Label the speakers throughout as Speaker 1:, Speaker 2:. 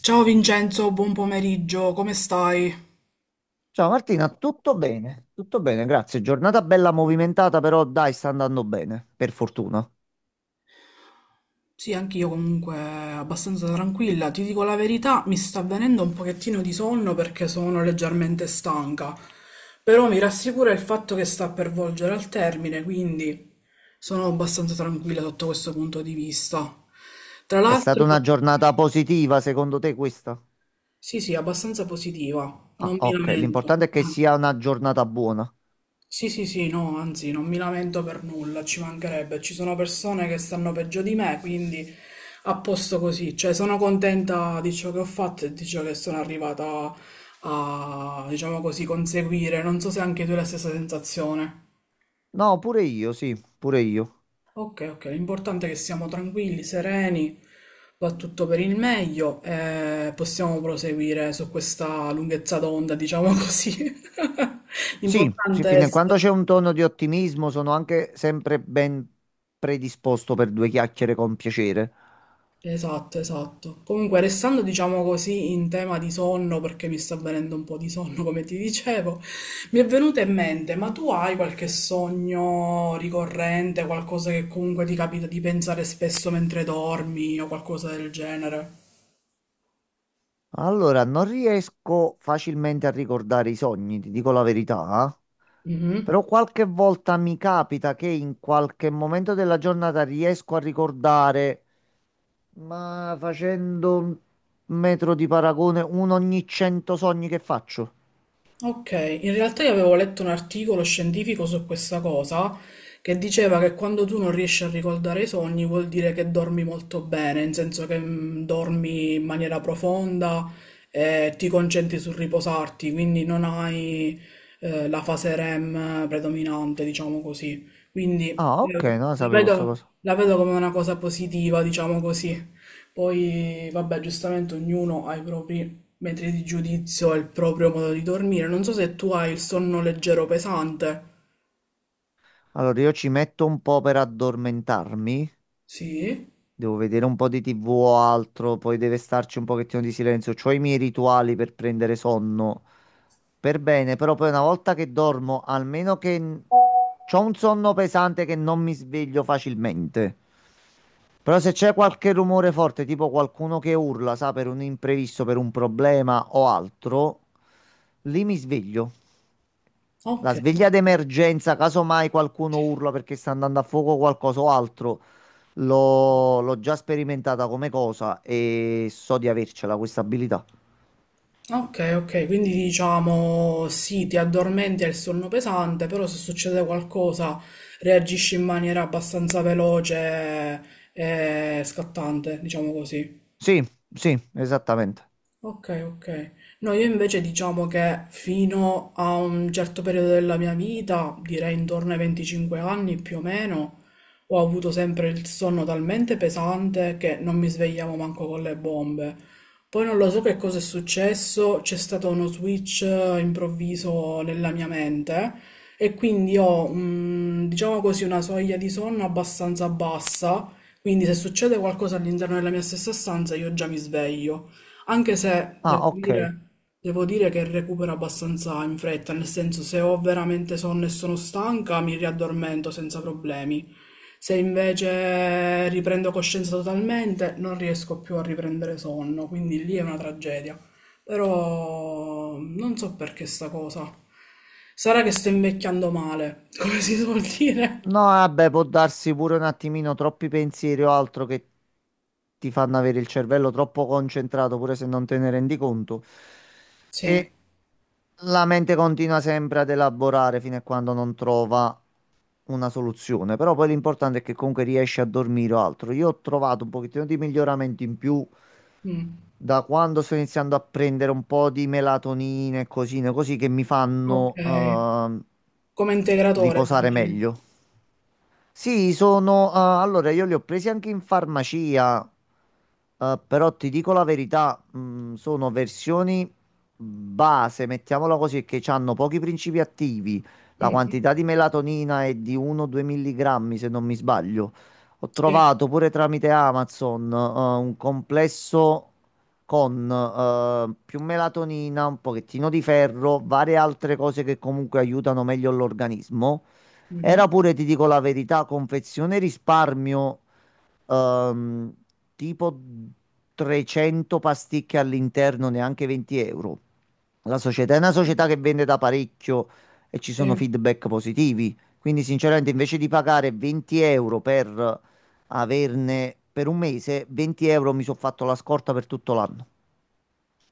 Speaker 1: Ciao Vincenzo, buon pomeriggio, come stai?
Speaker 2: Ciao Martina, tutto bene? Tutto bene, grazie. Giornata bella movimentata, però dai, sta andando bene, per fortuna.
Speaker 1: Sì, anch'io comunque abbastanza tranquilla. Ti dico la verità, mi sta venendo un pochettino di sonno perché sono leggermente stanca, però mi rassicura il fatto che sta per volgere al termine, quindi sono abbastanza tranquilla sotto questo punto di vista. Tra
Speaker 2: È stata
Speaker 1: l'altro,
Speaker 2: una giornata positiva, secondo te questa?
Speaker 1: sì, sì, abbastanza positiva,
Speaker 2: Ah,
Speaker 1: non mi
Speaker 2: ok,
Speaker 1: lamento.
Speaker 2: l'importante è che sia una giornata buona.
Speaker 1: Sì, sì, sì, no, anzi, non mi lamento per nulla, ci mancherebbe. Ci sono persone che stanno peggio di me, quindi a posto così. Cioè, sono contenta di ciò che ho fatto e di ciò che sono arrivata a, diciamo così, conseguire. Non so se anche tu hai la stessa sensazione.
Speaker 2: No, pure io.
Speaker 1: Ok, ok, l'importante è che siamo tranquilli, sereni, va tutto per il meglio e possiamo proseguire su questa lunghezza d'onda, diciamo così.
Speaker 2: Sì, sì,
Speaker 1: L'importante è
Speaker 2: fino a quando c'è
Speaker 1: essere...
Speaker 2: un tono di ottimismo sono anche sempre ben predisposto per due chiacchiere con piacere.
Speaker 1: Esatto, esatto. Comunque, restando, diciamo così, in tema di sonno, perché mi sta venendo un po' di sonno, come ti dicevo, mi è venuto in mente, ma tu hai qualche sogno ricorrente, qualcosa che comunque ti capita di pensare spesso mentre dormi o qualcosa del genere?
Speaker 2: Allora, non riesco facilmente a ricordare i sogni, ti dico la verità, eh. Però qualche volta mi capita che in qualche momento della giornata riesco a ricordare, ma facendo un metro di paragone, uno ogni 100 sogni che faccio.
Speaker 1: Ok, in realtà io avevo letto un articolo scientifico su questa cosa che diceva che quando tu non riesci a ricordare i sogni vuol dire che dormi molto bene, in senso che dormi in maniera profonda e ti concentri sul riposarti, quindi non hai la fase REM predominante, diciamo così. Quindi
Speaker 2: Ah,
Speaker 1: eh,
Speaker 2: ok, non la
Speaker 1: la
Speaker 2: sapevo sta
Speaker 1: vedo,
Speaker 2: cosa.
Speaker 1: la vedo come una cosa positiva, diciamo così. Poi, vabbè, giustamente ognuno ha i propri metri di giudizio e il proprio modo di dormire. Non so se tu hai il sonno leggero o pesante.
Speaker 2: Allora, io ci metto un po' per addormentarmi,
Speaker 1: Sì?
Speaker 2: devo vedere un po' di TV o altro, poi deve starci un pochettino di silenzio, ho i miei rituali per prendere sonno. Per bene, però poi una volta che dormo, almeno che ho un sonno pesante che non mi sveglio facilmente. Però se c'è qualche rumore forte, tipo qualcuno che urla, sa, per un imprevisto, per un problema o altro, lì mi sveglio.
Speaker 1: Ok.
Speaker 2: La sveglia d'emergenza, caso mai qualcuno urla perché sta andando a fuoco qualcosa o altro, l'ho già sperimentata come cosa e so di avercela questa abilità.
Speaker 1: Ok, ok, quindi diciamo sì, ti addormenti al sonno pesante, però se succede qualcosa reagisci in maniera abbastanza veloce e scattante, diciamo così.
Speaker 2: Sì, sì, esattamente.
Speaker 1: Ok, ok. No, io invece diciamo che fino a un certo periodo della mia vita, direi intorno ai 25 anni più o meno, ho avuto sempre il sonno talmente pesante che non mi svegliavo manco con le bombe. Poi non lo so che cosa è successo, c'è stato uno switch improvviso nella mia mente e quindi ho, diciamo così, una soglia di sonno abbastanza bassa, quindi se succede qualcosa all'interno della mia stessa stanza io già mi sveglio. Anche se devo
Speaker 2: Ah, ok.
Speaker 1: dire, devo dire che recupero abbastanza in fretta, nel senso se ho veramente sonno e sono stanca mi riaddormento senza problemi. Se invece riprendo coscienza totalmente non riesco più a riprendere sonno, quindi lì è una tragedia. Però non so perché sta cosa. Sarà che sto invecchiando male, come si suol dire?
Speaker 2: No, vabbè, può darsi pure un attimino troppi pensieri o altro che ti fanno avere il cervello troppo concentrato, pure se non te ne rendi conto.
Speaker 1: Sì.
Speaker 2: E la mente continua sempre ad elaborare fino a quando non trova una soluzione. Però poi l'importante è che comunque riesci a dormire o altro. Io ho trovato un pochettino di miglioramento in più
Speaker 1: Mm.
Speaker 2: da quando sto iniziando a prendere un po' di melatonina e cosine così che mi
Speaker 1: Ok.
Speaker 2: fanno
Speaker 1: Come integratore,
Speaker 2: riposare
Speaker 1: dici?
Speaker 2: meglio. Sì, ah, allora, io li ho presi anche in farmacia, però ti dico la verità, sono versioni base, mettiamola così, che hanno pochi principi attivi. La
Speaker 1: Mhm.
Speaker 2: quantità di melatonina è di 1-2 milligrammi, se non mi sbaglio. Ho
Speaker 1: Sì.
Speaker 2: trovato pure tramite Amazon, un complesso con più melatonina, un pochettino di ferro, varie altre cose che comunque aiutano meglio l'organismo.
Speaker 1: Mhm.
Speaker 2: Era pure, ti dico la verità, confezione risparmio, ehm, tipo 300 pasticche all'interno, neanche 20 euro. La società è una società che vende da parecchio e ci sono
Speaker 1: Sì.
Speaker 2: feedback positivi. Quindi, sinceramente, invece di pagare 20 euro per averne per un mese, 20 euro mi sono fatto la scorta per tutto l'anno.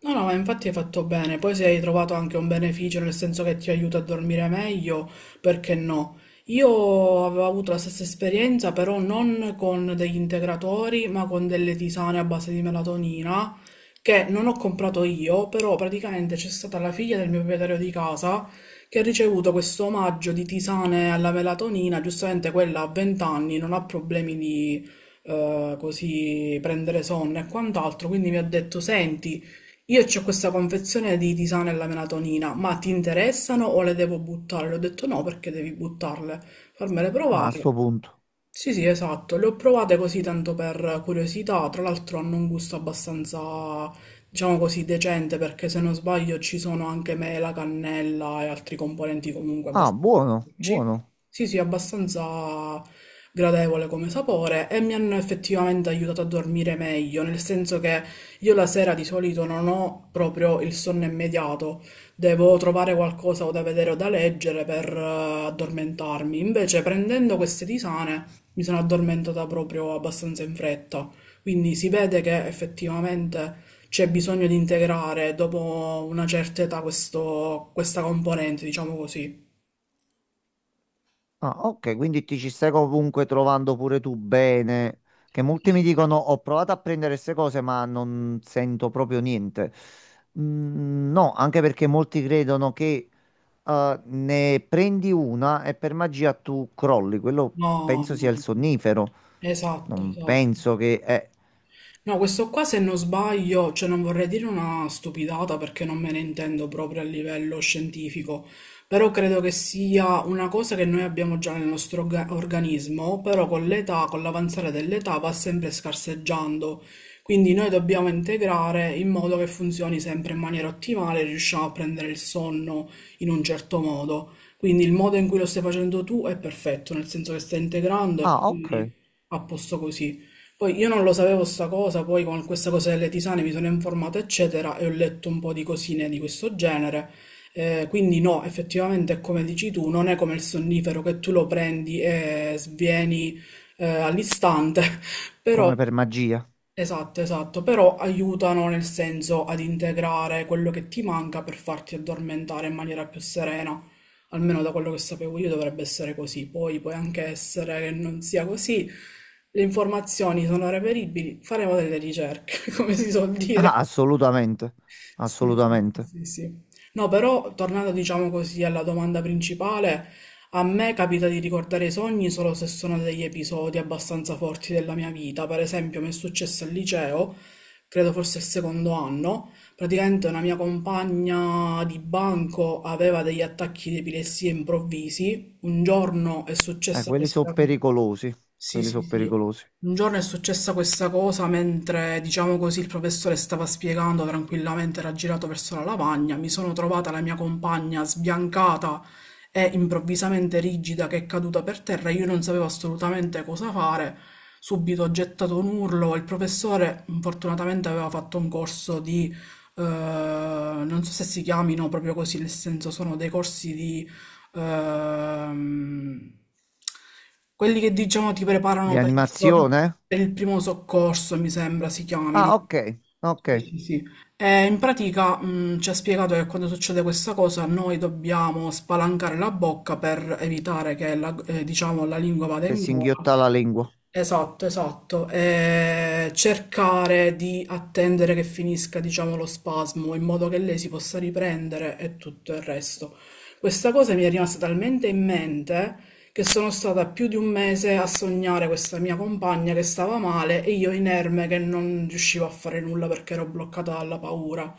Speaker 1: No, no, ma infatti hai fatto bene. Poi se hai trovato anche un beneficio, nel senso che ti aiuta a dormire meglio, perché no? Io avevo avuto la stessa esperienza, però non con degli integratori, ma con delle tisane a base di melatonina, che non ho comprato io, però praticamente c'è stata la figlia del mio proprietario di casa che ha ricevuto questo omaggio di tisane alla melatonina, giustamente quella a 20 anni non ha problemi di così prendere sonno e quant'altro, quindi mi ha detto, senti, io c'ho questa confezione di tisane alla melatonina, ma ti interessano o le devo buttare? Le ho detto no perché devi buttarle, fammele
Speaker 2: Ah, a
Speaker 1: provare.
Speaker 2: sto punto.
Speaker 1: Sì, sì, esatto, le ho provate così tanto per curiosità, tra l'altro hanno un gusto abbastanza, diciamo così, decente perché se non sbaglio ci sono anche mela, cannella e altri componenti comunque
Speaker 2: Ah,
Speaker 1: abbastanza
Speaker 2: buono,
Speaker 1: dolci.
Speaker 2: buono.
Speaker 1: Sì, sì, abbastanza gradevole come sapore e mi hanno effettivamente aiutato a dormire meglio, nel senso che io la sera di solito non ho proprio il sonno immediato, devo trovare qualcosa o da vedere o da leggere per addormentarmi, invece prendendo queste tisane mi sono addormentata proprio abbastanza in fretta, quindi si vede che effettivamente c'è bisogno di integrare dopo una certa età questa componente, diciamo così.
Speaker 2: Ah, ok, quindi ti ci stai comunque trovando pure tu bene. Che
Speaker 1: Sì,
Speaker 2: molti mi
Speaker 1: sì.
Speaker 2: dicono: Ho provato a prendere queste cose, ma non sento proprio niente. Mm, no, anche perché molti credono che ne prendi una e per magia tu crolli. Quello
Speaker 1: No,
Speaker 2: penso
Speaker 1: no,
Speaker 2: sia il
Speaker 1: no.
Speaker 2: sonnifero.
Speaker 1: Esatto,
Speaker 2: Non
Speaker 1: esatto.
Speaker 2: penso che è.
Speaker 1: No, questo qua se non sbaglio, cioè non vorrei dire una stupidata perché non me ne intendo proprio a livello scientifico, però credo che sia una cosa che noi abbiamo già nel nostro organismo, però con l'età, con l'avanzare dell'età va sempre scarseggiando. Quindi noi dobbiamo integrare in modo che funzioni sempre in maniera ottimale, riusciamo a prendere il sonno in un certo modo. Quindi il modo in cui lo stai facendo tu è perfetto, nel senso che stai integrando e
Speaker 2: Ah,
Speaker 1: quindi
Speaker 2: ok,
Speaker 1: a posto così. Poi io non lo sapevo sta cosa, poi con questa cosa delle tisane mi sono informato, eccetera, e ho letto un po' di cosine di questo genere. Quindi no, effettivamente è come dici tu, non è come il sonnifero che tu lo prendi e svieni all'istante, però
Speaker 2: come per magia.
Speaker 1: esatto, esatto, però aiutano nel senso ad integrare quello che ti manca per farti addormentare in maniera più serena. Almeno da quello che sapevo io dovrebbe essere così. Poi può anche essere che non sia così. Le informazioni sono reperibili, faremo delle ricerche, come si suol dire.
Speaker 2: Ah, assolutamente,
Speaker 1: Sì, sì, sì,
Speaker 2: assolutamente.
Speaker 1: sì, sì. No, però tornando, diciamo così, alla domanda principale, a me capita di ricordare i sogni solo se sono degli episodi abbastanza forti della mia vita. Per esempio, mi è successo al liceo, credo forse il secondo anno, praticamente una mia compagna di banco aveva degli attacchi di epilessia improvvisi. Un giorno è successa
Speaker 2: Quelli sono
Speaker 1: questa...
Speaker 2: pericolosi.
Speaker 1: Sì,
Speaker 2: Quelli
Speaker 1: sì,
Speaker 2: sono
Speaker 1: sì.
Speaker 2: pericolosi.
Speaker 1: Un giorno è successa questa cosa mentre, diciamo così, il professore stava spiegando tranquillamente, era girato verso la lavagna, mi sono trovata la mia compagna sbiancata e improvvisamente rigida che è caduta per terra, io non sapevo assolutamente cosa fare, subito ho gettato un urlo, il professore fortunatamente aveva fatto un corso di, non so se si chiamino proprio così, nel senso sono dei corsi di ehm, quelli che diciamo ti preparano per,
Speaker 2: Rianimazione?
Speaker 1: per il primo soccorso, mi sembra si chiamino.
Speaker 2: Ah, ok, ok,
Speaker 1: Sì, sì, sì. E in pratica, ci ha spiegato che quando succede questa cosa noi dobbiamo spalancare la bocca per evitare che la, diciamo, la lingua vada
Speaker 2: che
Speaker 1: in
Speaker 2: si
Speaker 1: gola.
Speaker 2: inghiotta la lingua.
Speaker 1: Esatto, esatto. Cercare di attendere che finisca, diciamo, lo spasmo in modo che lei si possa riprendere e tutto il resto. Questa cosa mi è rimasta talmente in mente che sono stata più di un mese a sognare questa mia compagna che stava male e io inerme che non riuscivo a fare nulla perché ero bloccata dalla paura.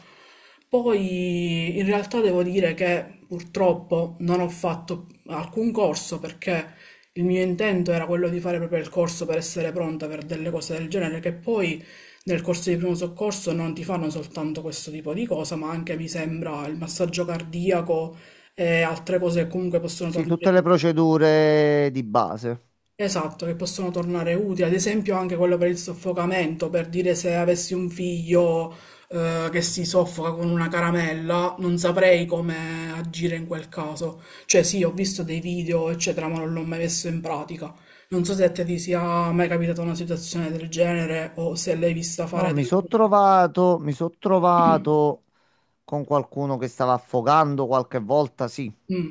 Speaker 1: Poi in realtà devo dire che purtroppo non ho fatto alcun corso perché il mio intento era quello di fare proprio il corso per essere pronta per delle cose del genere, che poi nel corso di primo soccorso non ti fanno soltanto questo tipo di cosa, ma anche mi sembra il massaggio cardiaco e altre cose che comunque possono
Speaker 2: Sì,
Speaker 1: tornare
Speaker 2: tutte le
Speaker 1: in
Speaker 2: procedure di base.
Speaker 1: esatto, che possono tornare utili, ad esempio anche quello per il soffocamento, per dire se avessi un figlio che si soffoca con una caramella, non saprei come agire in quel caso. Cioè sì, ho visto dei video, eccetera, ma non l'ho mai messo in pratica. Non so se a te ti sia mai capitata una situazione del genere o se l'hai vista
Speaker 2: No,
Speaker 1: fare
Speaker 2: mi
Speaker 1: del...
Speaker 2: sono trovato, mi sono trovato con qualcuno che stava affogando qualche volta, sì.
Speaker 1: Mm.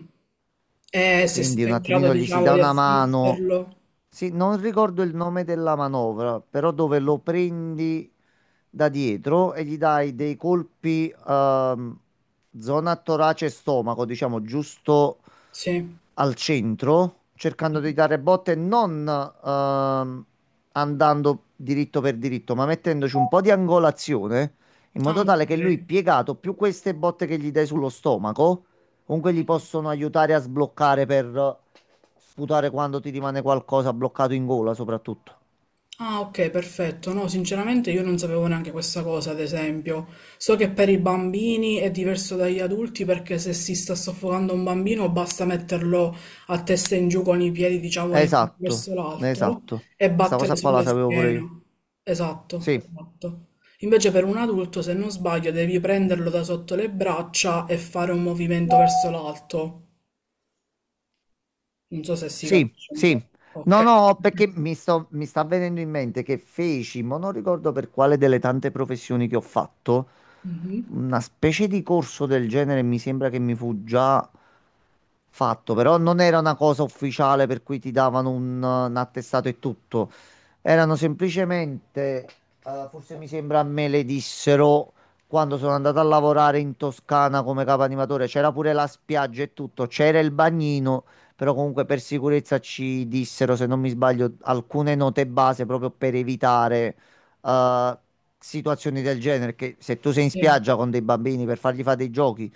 Speaker 1: E se
Speaker 2: Quindi
Speaker 1: siete
Speaker 2: un
Speaker 1: in grado,
Speaker 2: attimino gli si
Speaker 1: diciamo,
Speaker 2: dà
Speaker 1: di
Speaker 2: una mano.
Speaker 1: assisterlo.
Speaker 2: Sì, non ricordo il nome della manovra, però dove lo prendi da dietro e gli dai dei colpi, zona torace e stomaco, diciamo, giusto
Speaker 1: Sì.
Speaker 2: al centro, cercando di dare botte, non andando diritto per diritto, ma mettendoci un po' di angolazione, in
Speaker 1: Ah,
Speaker 2: modo
Speaker 1: ok.
Speaker 2: tale che lui piegato, più queste botte che gli dai sullo stomaco, comunque gli possono aiutare a sbloccare per sputare quando ti rimane qualcosa bloccato in gola, soprattutto.
Speaker 1: Ah, ok, perfetto. No, sinceramente io non sapevo neanche questa cosa, ad esempio. So che per i bambini è diverso dagli adulti perché se si sta soffocando un bambino basta metterlo a testa in giù con i piedi, diciamo,
Speaker 2: Esatto,
Speaker 1: verso l'alto
Speaker 2: esatto.
Speaker 1: e
Speaker 2: Sta
Speaker 1: battere
Speaker 2: cosa qua la
Speaker 1: sulla
Speaker 2: sapevo pure
Speaker 1: schiena.
Speaker 2: io.
Speaker 1: Esatto,
Speaker 2: Sì.
Speaker 1: esatto. Invece per un adulto, se non sbaglio, devi prenderlo da sotto le braccia e fare un movimento verso l'alto. Non so se si
Speaker 2: Sì,
Speaker 1: capisce un po'.
Speaker 2: sì.
Speaker 1: Ok.
Speaker 2: No, no, perché mi sta venendo in mente che feci, ma non ricordo per quale delle tante professioni che ho fatto,
Speaker 1: Mhm.
Speaker 2: una specie di corso del genere mi sembra che mi fu già fatto, però non era una cosa ufficiale per cui ti davano un attestato e tutto. Erano semplicemente, forse mi sembra me le dissero quando sono andato a lavorare in Toscana come capo animatore, c'era pure la spiaggia e tutto, c'era il bagnino però comunque per sicurezza ci dissero, se non mi sbaglio, alcune note base proprio per evitare eh, situazioni del genere, che se tu sei in
Speaker 1: Sì.
Speaker 2: spiaggia con dei bambini per fargli fare dei giochi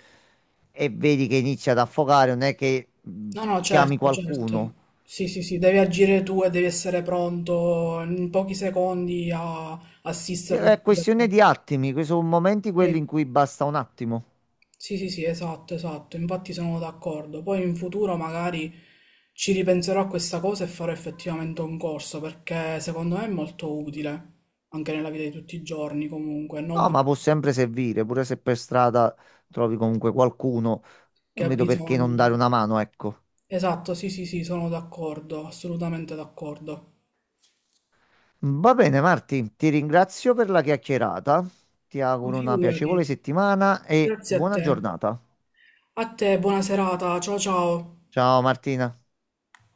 Speaker 2: e vedi che inizia ad affogare, non è che
Speaker 1: No, no,
Speaker 2: chiami
Speaker 1: certo, certo.
Speaker 2: qualcuno.
Speaker 1: Sì, sì, sì, devi agire tu e devi essere pronto in pochi secondi a assisterlo.
Speaker 2: È questione di attimi, sono momenti quelli
Speaker 1: Sì,
Speaker 2: in cui basta un attimo.
Speaker 1: sì, sì, sì, esatto, esatto. Infatti sono d'accordo. Poi in futuro magari ci ripenserò a questa cosa e farò effettivamente un corso perché secondo me è molto utile anche nella vita di tutti i giorni comunque, non
Speaker 2: No,
Speaker 1: perché
Speaker 2: ma può sempre servire, pure se per strada trovi comunque qualcuno,
Speaker 1: ha
Speaker 2: non vedo perché non
Speaker 1: bisogno.
Speaker 2: dare una mano, ecco.
Speaker 1: Esatto, sì, sì, sì, sono d'accordo, assolutamente d'accordo.
Speaker 2: Va bene, Marti, ti ringrazio per la chiacchierata. Ti auguro una
Speaker 1: Figurati,
Speaker 2: piacevole settimana e
Speaker 1: grazie a
Speaker 2: buona
Speaker 1: te.
Speaker 2: giornata.
Speaker 1: A te, buona serata, ciao ciao.
Speaker 2: Ciao Martina.